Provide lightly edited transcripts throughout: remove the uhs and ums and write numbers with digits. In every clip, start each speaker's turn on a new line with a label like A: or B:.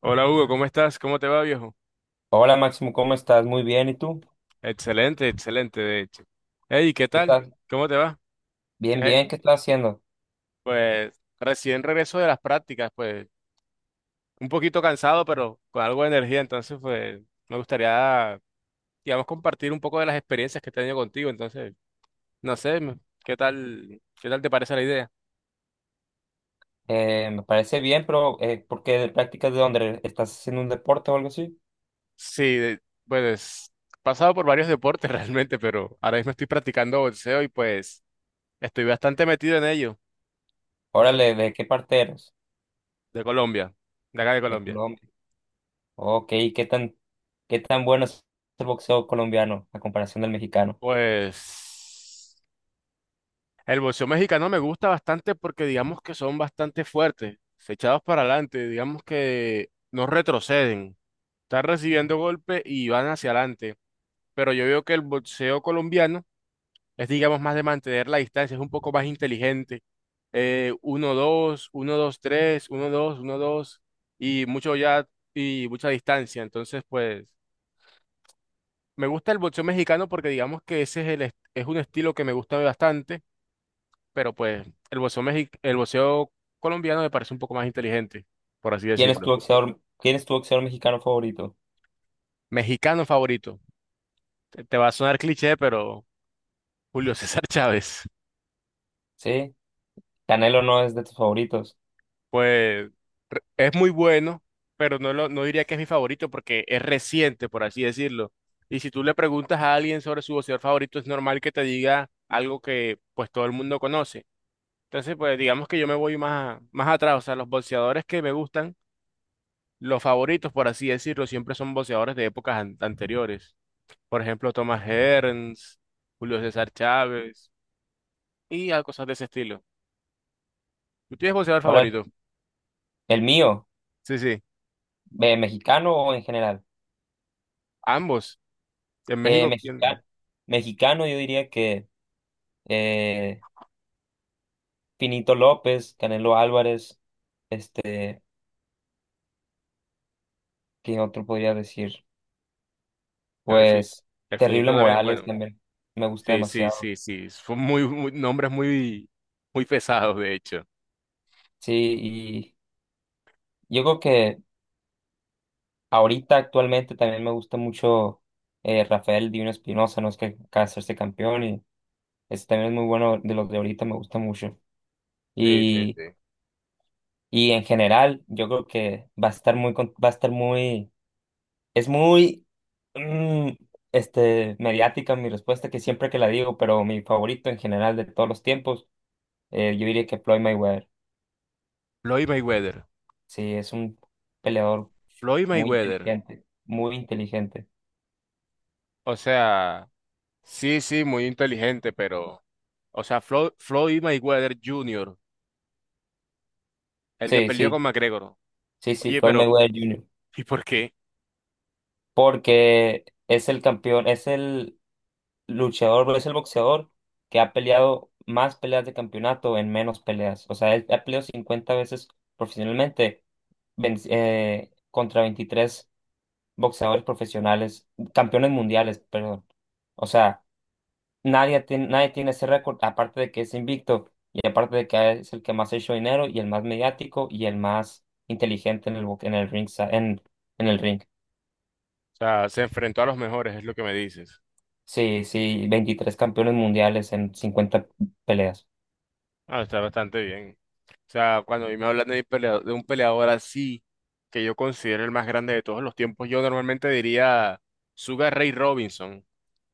A: Hola Hugo, ¿cómo estás? ¿Cómo te va, viejo?
B: Hola Máximo, ¿cómo estás? Muy bien, ¿y tú?
A: Excelente, excelente, de hecho. Hey, ¿qué
B: ¿Qué
A: tal?
B: estás?
A: ¿Cómo te va?
B: Bien,
A: ¿Qué-
B: bien, ¿qué estás haciendo?
A: Pues recién regreso de las prácticas, pues un poquito cansado, pero con algo de energía, entonces pues me gustaría, digamos, compartir un poco de las experiencias que he tenido contigo, entonces, no sé, qué tal te parece la idea?
B: Me parece bien, pero ¿por qué de prácticas de dónde? ¿Estás haciendo un deporte o algo así?
A: Sí, pues he pasado por varios deportes realmente, pero ahora mismo estoy practicando boxeo y pues estoy bastante metido en ello, bastante-
B: Órale, ¿de qué parte eres?
A: de Colombia, de acá de
B: De
A: Colombia.
B: Colombia. Ok, ¿qué tan, qué tan bueno es el boxeo colombiano a comparación del mexicano?
A: Pues el boxeo mexicano me gusta bastante porque digamos que son bastante fuertes, se echados para adelante, digamos que no retroceden, están recibiendo golpes y van hacia adelante. Pero yo veo que el boxeo colombiano es digamos más de mantener la distancia, es un poco más inteligente. 1-2, 1-2-3, 1-2, 1-2 y mucho ya y mucha distancia. Entonces, pues me gusta el boxeo mexicano porque digamos que ese es es un estilo que me gusta bastante, pero pues el boxeo, el boxeo colombiano me parece un poco más inteligente, por así
B: ¿Quién es tu
A: decirlo.
B: boxeador, quién es tu boxeador mexicano favorito?
A: Mexicano favorito. Te va a sonar cliché, pero Julio César Chávez,
B: ¿Sí? Canelo no es de tus favoritos.
A: pues es muy bueno, pero no diría que es mi favorito porque es reciente, por así decirlo. Y si tú le preguntas a alguien sobre su boxeador favorito, es normal que te diga algo que pues todo el mundo conoce. Entonces, pues digamos que yo me voy más, más atrás, o sea, los boxeadores que me gustan. Los favoritos, por así decirlo, siempre son boxeadores de épocas anteriores. Por ejemplo, Thomas Hearns, Julio César Chávez y a cosas de ese estilo. ¿Tú tienes boxeador
B: Órale,
A: favorito?
B: ¿el mío?
A: Sí, sí.
B: ¿Mexicano o en general?
A: Ambos. En
B: Eh,
A: México,
B: mexicano,
A: ¿quién?
B: mexicano yo diría que eh, Pinito López, Canelo Álvarez, este, ¿qué otro podría decir?
A: Ah, El, Fi-
B: Pues
A: el
B: Terrible
A: Finito también es
B: Morales
A: bueno.
B: también me gusta
A: Sí, sí,
B: demasiado.
A: sí, sí. Son nombres muy, muy pesados, de hecho.
B: Sí, y yo creo que ahorita actualmente también me gusta mucho Rafael Divino Espinosa, no es que acaba de hacerse campeón y este también es muy bueno de los de ahorita, me gusta mucho.
A: Sí, sí,
B: Y,
A: sí.
B: y en general, yo creo que va a estar muy es muy, mm, mediática mi respuesta, que siempre que la digo, pero mi favorito en general de todos los tiempos, yo diría que Floyd Mayweather.
A: Floyd Mayweather.
B: Sí, es un peleador
A: Floyd
B: muy
A: Mayweather.
B: inteligente, muy inteligente.
A: O sea, sí, sí, muy inteligente, pero... O sea, Floyd Mayweather Jr. El que
B: Sí,
A: perdió
B: sí,
A: con McGregor.
B: sí, sí,
A: Oye,
B: Floyd
A: pero,
B: Mayweather Jr.
A: ¿y por qué?
B: Porque es el campeón, es el luchador, es el boxeador que ha peleado más peleas de campeonato en menos peleas. O sea, él ha peleado 50 veces profesionalmente, contra 23 boxeadores profesionales, campeones mundiales, perdón. O sea, nadie tiene ese récord, aparte de que es invicto y aparte de que es el que más ha hecho dinero y el más mediático y el más inteligente en en el ringen el ring.
A: O sea, se enfrentó a los mejores, es lo que me dices.
B: Sí, sí, 23 campeones mundiales en 50 peleas.
A: Ah, está bastante bien. O sea, cuando a mí me hablan de, de un peleador así, que yo considero el más grande de todos los tiempos, yo normalmente diría Sugar Ray Robinson.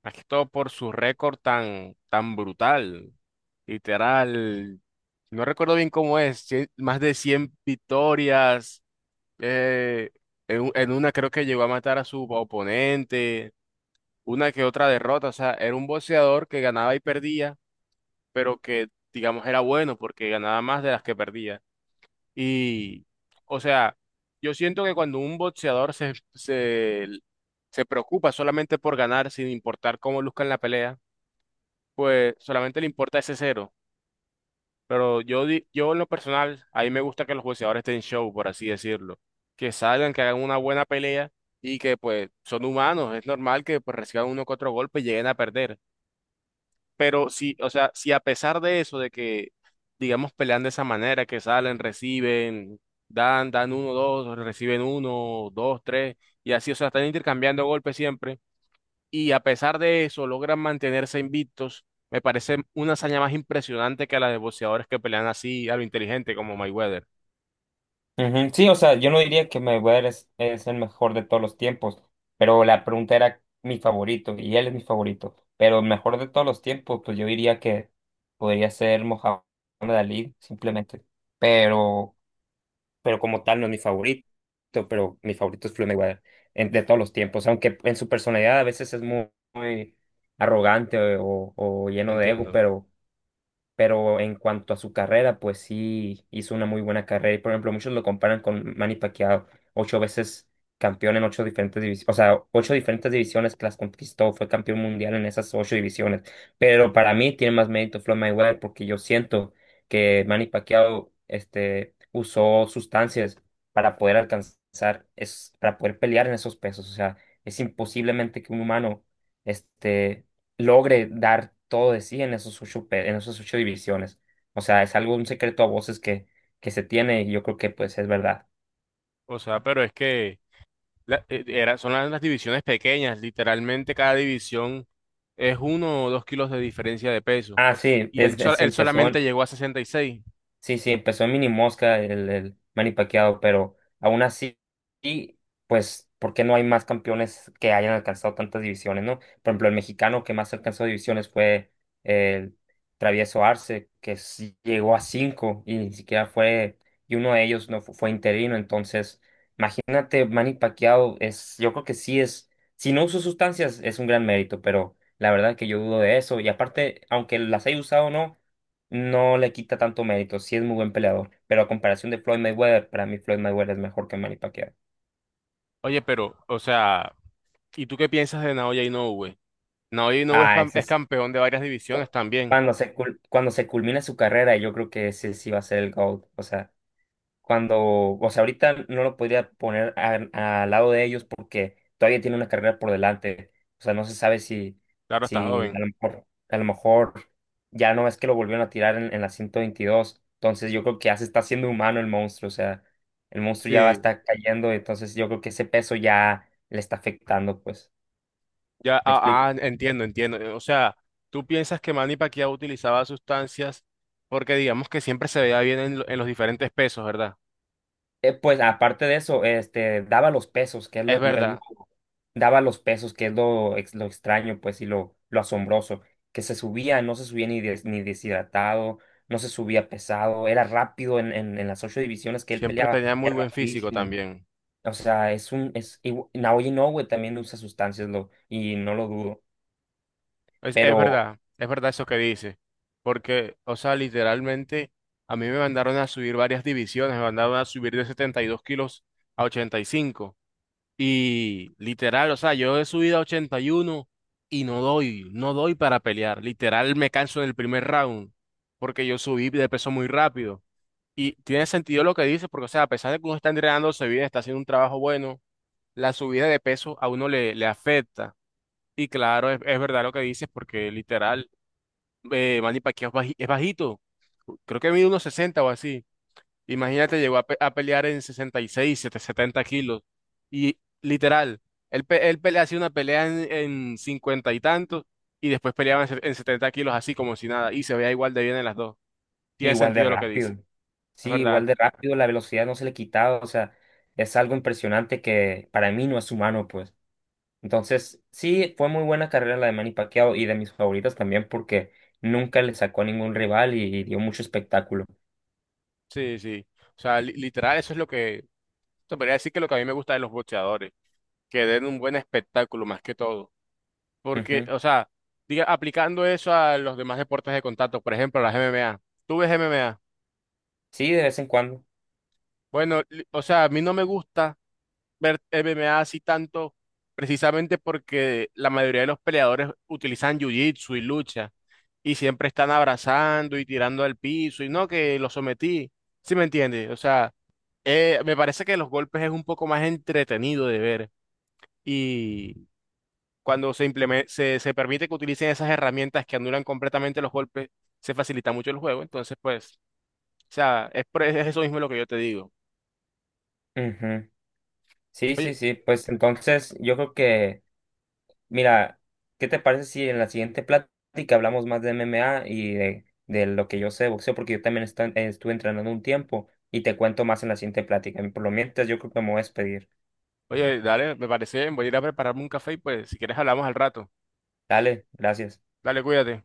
A: Más que todo por su récord tan, tan brutal. Literal. No recuerdo bien cómo es. Más de 100 victorias. Eh, en, u- en una creo que llegó a matar a su oponente. Una que otra derrota. O sea, era un boxeador que ganaba y perdía, pero que, digamos, era bueno porque ganaba más de las que perdía. Y, o sea, yo siento que cuando un boxeador se preocupa solamente por ganar, sin importar cómo luzca en la pelea, pues solamente le importa ese cero. Pero yo, yo en lo personal, a mí me gusta que los boxeadores estén show, por así decirlo. Que salgan, que hagan una buena pelea y que pues son humanos. Es normal que pues reciban uno que otro golpe y lleguen a perder. Pero si, o sea, si a pesar de eso, de que, digamos, pelean de esa manera, que salen, reciben, dan uno, dos, reciben uno, dos, tres, y así, o sea, están intercambiando golpes siempre, y a pesar de eso logran mantenerse invictos, me parece una hazaña más impresionante que la de boxeadores que pelean así a lo inteligente, como Mayweather.
B: Ujú. Sí, o sea, yo no diría que Mayweather es el mejor de todos los tiempos, pero la pregunta era mi favorito y él es mi favorito, pero el mejor de todos los tiempos, pues yo diría que podría ser Mohamed Ali, simplemente, pero, pero como tal no es mi favorito, pero mi favorito es Floyd Mayweather de todos los tiempos, aunque en su personalidad a veces es muy, muy arrogante o lleno de ego,
A: Entiendo.
B: pero en cuanto a su carrera, pues sí hizo una muy buena carrera. Y por ejemplo, muchos lo comparan con Manny Pacquiao, 8 veces campeón en ocho diferentes divisiones, o sea, ocho diferentes divisiones que las conquistó, fue campeón mundial en esas ocho divisiones. Pero para mí tiene más mérito Floyd Mayweather porque yo siento que Manny Pacquiao usó sustancias para poder alcanzar, es, para poder pelear en esos pesos. O sea, es imposiblemente que un humano este, logre dar todo de sí en esos ocho, en esos ocho divisiones. O sea, es algo, un secreto a voces que se tiene y yo creo que pues es verdad.
A: O sea, pero es que... Son las divisiones pequeñas, literalmente cada división es uno o dos kilos de diferencia de peso.
B: Ah, sí,
A: Y él, sol- él
B: empezó.
A: solamente llegó a 66.
B: Sí, sí, empezó en Mini Mosca el Manny Pacquiao, pero aún así, y, pues, ¿por qué no hay más campeones que hayan alcanzado tantas divisiones, no? Por ejemplo, el mexicano que más alcanzó divisiones fue el Travieso Arce, que sí llegó a cinco y ni siquiera fue, y uno de ellos no fue interino. Entonces, imagínate, Manny Pacquiao es, yo creo que sí es, si no usó sustancias es un gran mérito, pero la verdad que yo dudo de eso, y aparte, aunque las haya usado o no, no le quita tanto mérito. Sí es muy buen peleador, pero a comparación de Floyd Mayweather, para mí Floyd Mayweather es mejor que Manny Pacquiao.
A: Oye, pero, o sea, ¿y tú qué piensas de Naoya Inoue? Naoya Inoue es,
B: Ah, ese
A: es
B: es
A: campeón de varias divisiones también.
B: cuando cuando se culmine su carrera, yo creo que ese sí va a ser el GOAT. O sea, cuando, o sea, ahorita no lo podría poner a- al lado de ellos porque todavía tiene una carrera por delante. O sea, no se sabe si,
A: Claro, está
B: si a
A: joven.
B: lo mejor, a lo mejor ya no es que lo volvieron a tirar en, la 122. Entonces yo creo que ya se está haciendo humano el monstruo. O sea, el monstruo ya va a
A: Sí,
B: estar cayendo. Entonces yo creo que ese peso ya le está afectando, pues.
A: ya,
B: ¿Me
A: ah,
B: explico?
A: ah, entiendo, entiendo. O sea, ¿tú piensas que Manny Pacquiao utilizaba sustancias porque digamos que siempre se veía bien en los diferentes pesos, ¿verdad?
B: Pues aparte de eso, daba los pesos, que es
A: Es
B: lo, es lo
A: verdad,
B: daba los pesos, que es lo, lo extraño, pues, y lo asombroso, que se subía, no se subía ni, ni deshidratado, no se subía pesado, era rápido en, en las ocho divisiones que él
A: siempre
B: peleaba,
A: tenía muy
B: era
A: buen físico
B: rapidísimo.
A: también.
B: O sea, es un, es, igu- Naoya Inoue también usa sustancias, y no lo dudo,
A: Es
B: pero
A: verdad, es verdad eso que dice, porque, o sea, literalmente a mí me mandaron a subir varias divisiones, me mandaron a subir de 72 kilos a 85, y literal, o sea, yo he subido a 81 y no doy para pelear, literal me canso en el primer round porque yo subí de peso muy rápido, y tiene sentido lo que dice, porque, o sea, a pesar de que uno está entrenándose bien, está haciendo un trabajo bueno, la subida de peso a uno le afecta. Y claro, es verdad lo que dices, porque literal, Manny Pacquiao es es bajito. Creo que mide unos 60 o así. Imagínate, llegó a, a pelear en 66, 7 70 kilos. Y literal, él pelea, hacía una pelea en 50 y tantos y después peleaba en 70 kilos así como si nada. Y se veía igual de bien en las dos. Tiene
B: igual de
A: sentido lo que dice.
B: rápido.
A: Es
B: Sí, igual
A: verdad.
B: de rápido, la velocidad no se le quitaba, o sea, es algo impresionante que para mí no es humano, pues. Entonces, sí, fue muy buena carrera la de Manny Pacquiao y de mis favoritas también porque nunca le sacó a ningún rival y dio mucho espectáculo.
A: Sí, sí. O sea, literal, eso es lo que... Te podría decir que lo que a mí me gusta de los boxeadores, que den un buen espectáculo más que todo. Porque,
B: Ujú.
A: o sea, aplicando eso a los demás deportes de contacto, por ejemplo, las MMA. ¿Tú ves MMA?
B: Sí, de vez en cuando.
A: Bueno, o sea, a mí no me gusta ver MMA así tanto, precisamente porque la mayoría de los peleadores utilizan jiu-jitsu y lucha, y siempre están abrazando y tirando al piso, y no, que lo sometí. ¿Sí me entiendes? O sea, me parece que los golpes es un poco más entretenido de ver cuando se permite que utilicen esas herramientas que anulan completamente los golpes, se facilita mucho el juego. Entonces, pues, o sea, es eso mismo lo que yo te digo.
B: Ujú. Sí, sí,
A: Oye,
B: sí. Pues entonces yo creo mira, ¿qué te parece si en la siguiente plática hablamos más de MMA y de lo que yo sé de boxeo? Porque yo también estuve entrenando un tiempo y te cuento más en la siguiente plática. Por lo mientras, yo creo que me voy a despedir.
A: oye, dale, me parece bien, voy a ir a prepararme un café y pues, si quieres hablamos al rato.
B: Dale, gracias.
A: Dale, cuídate.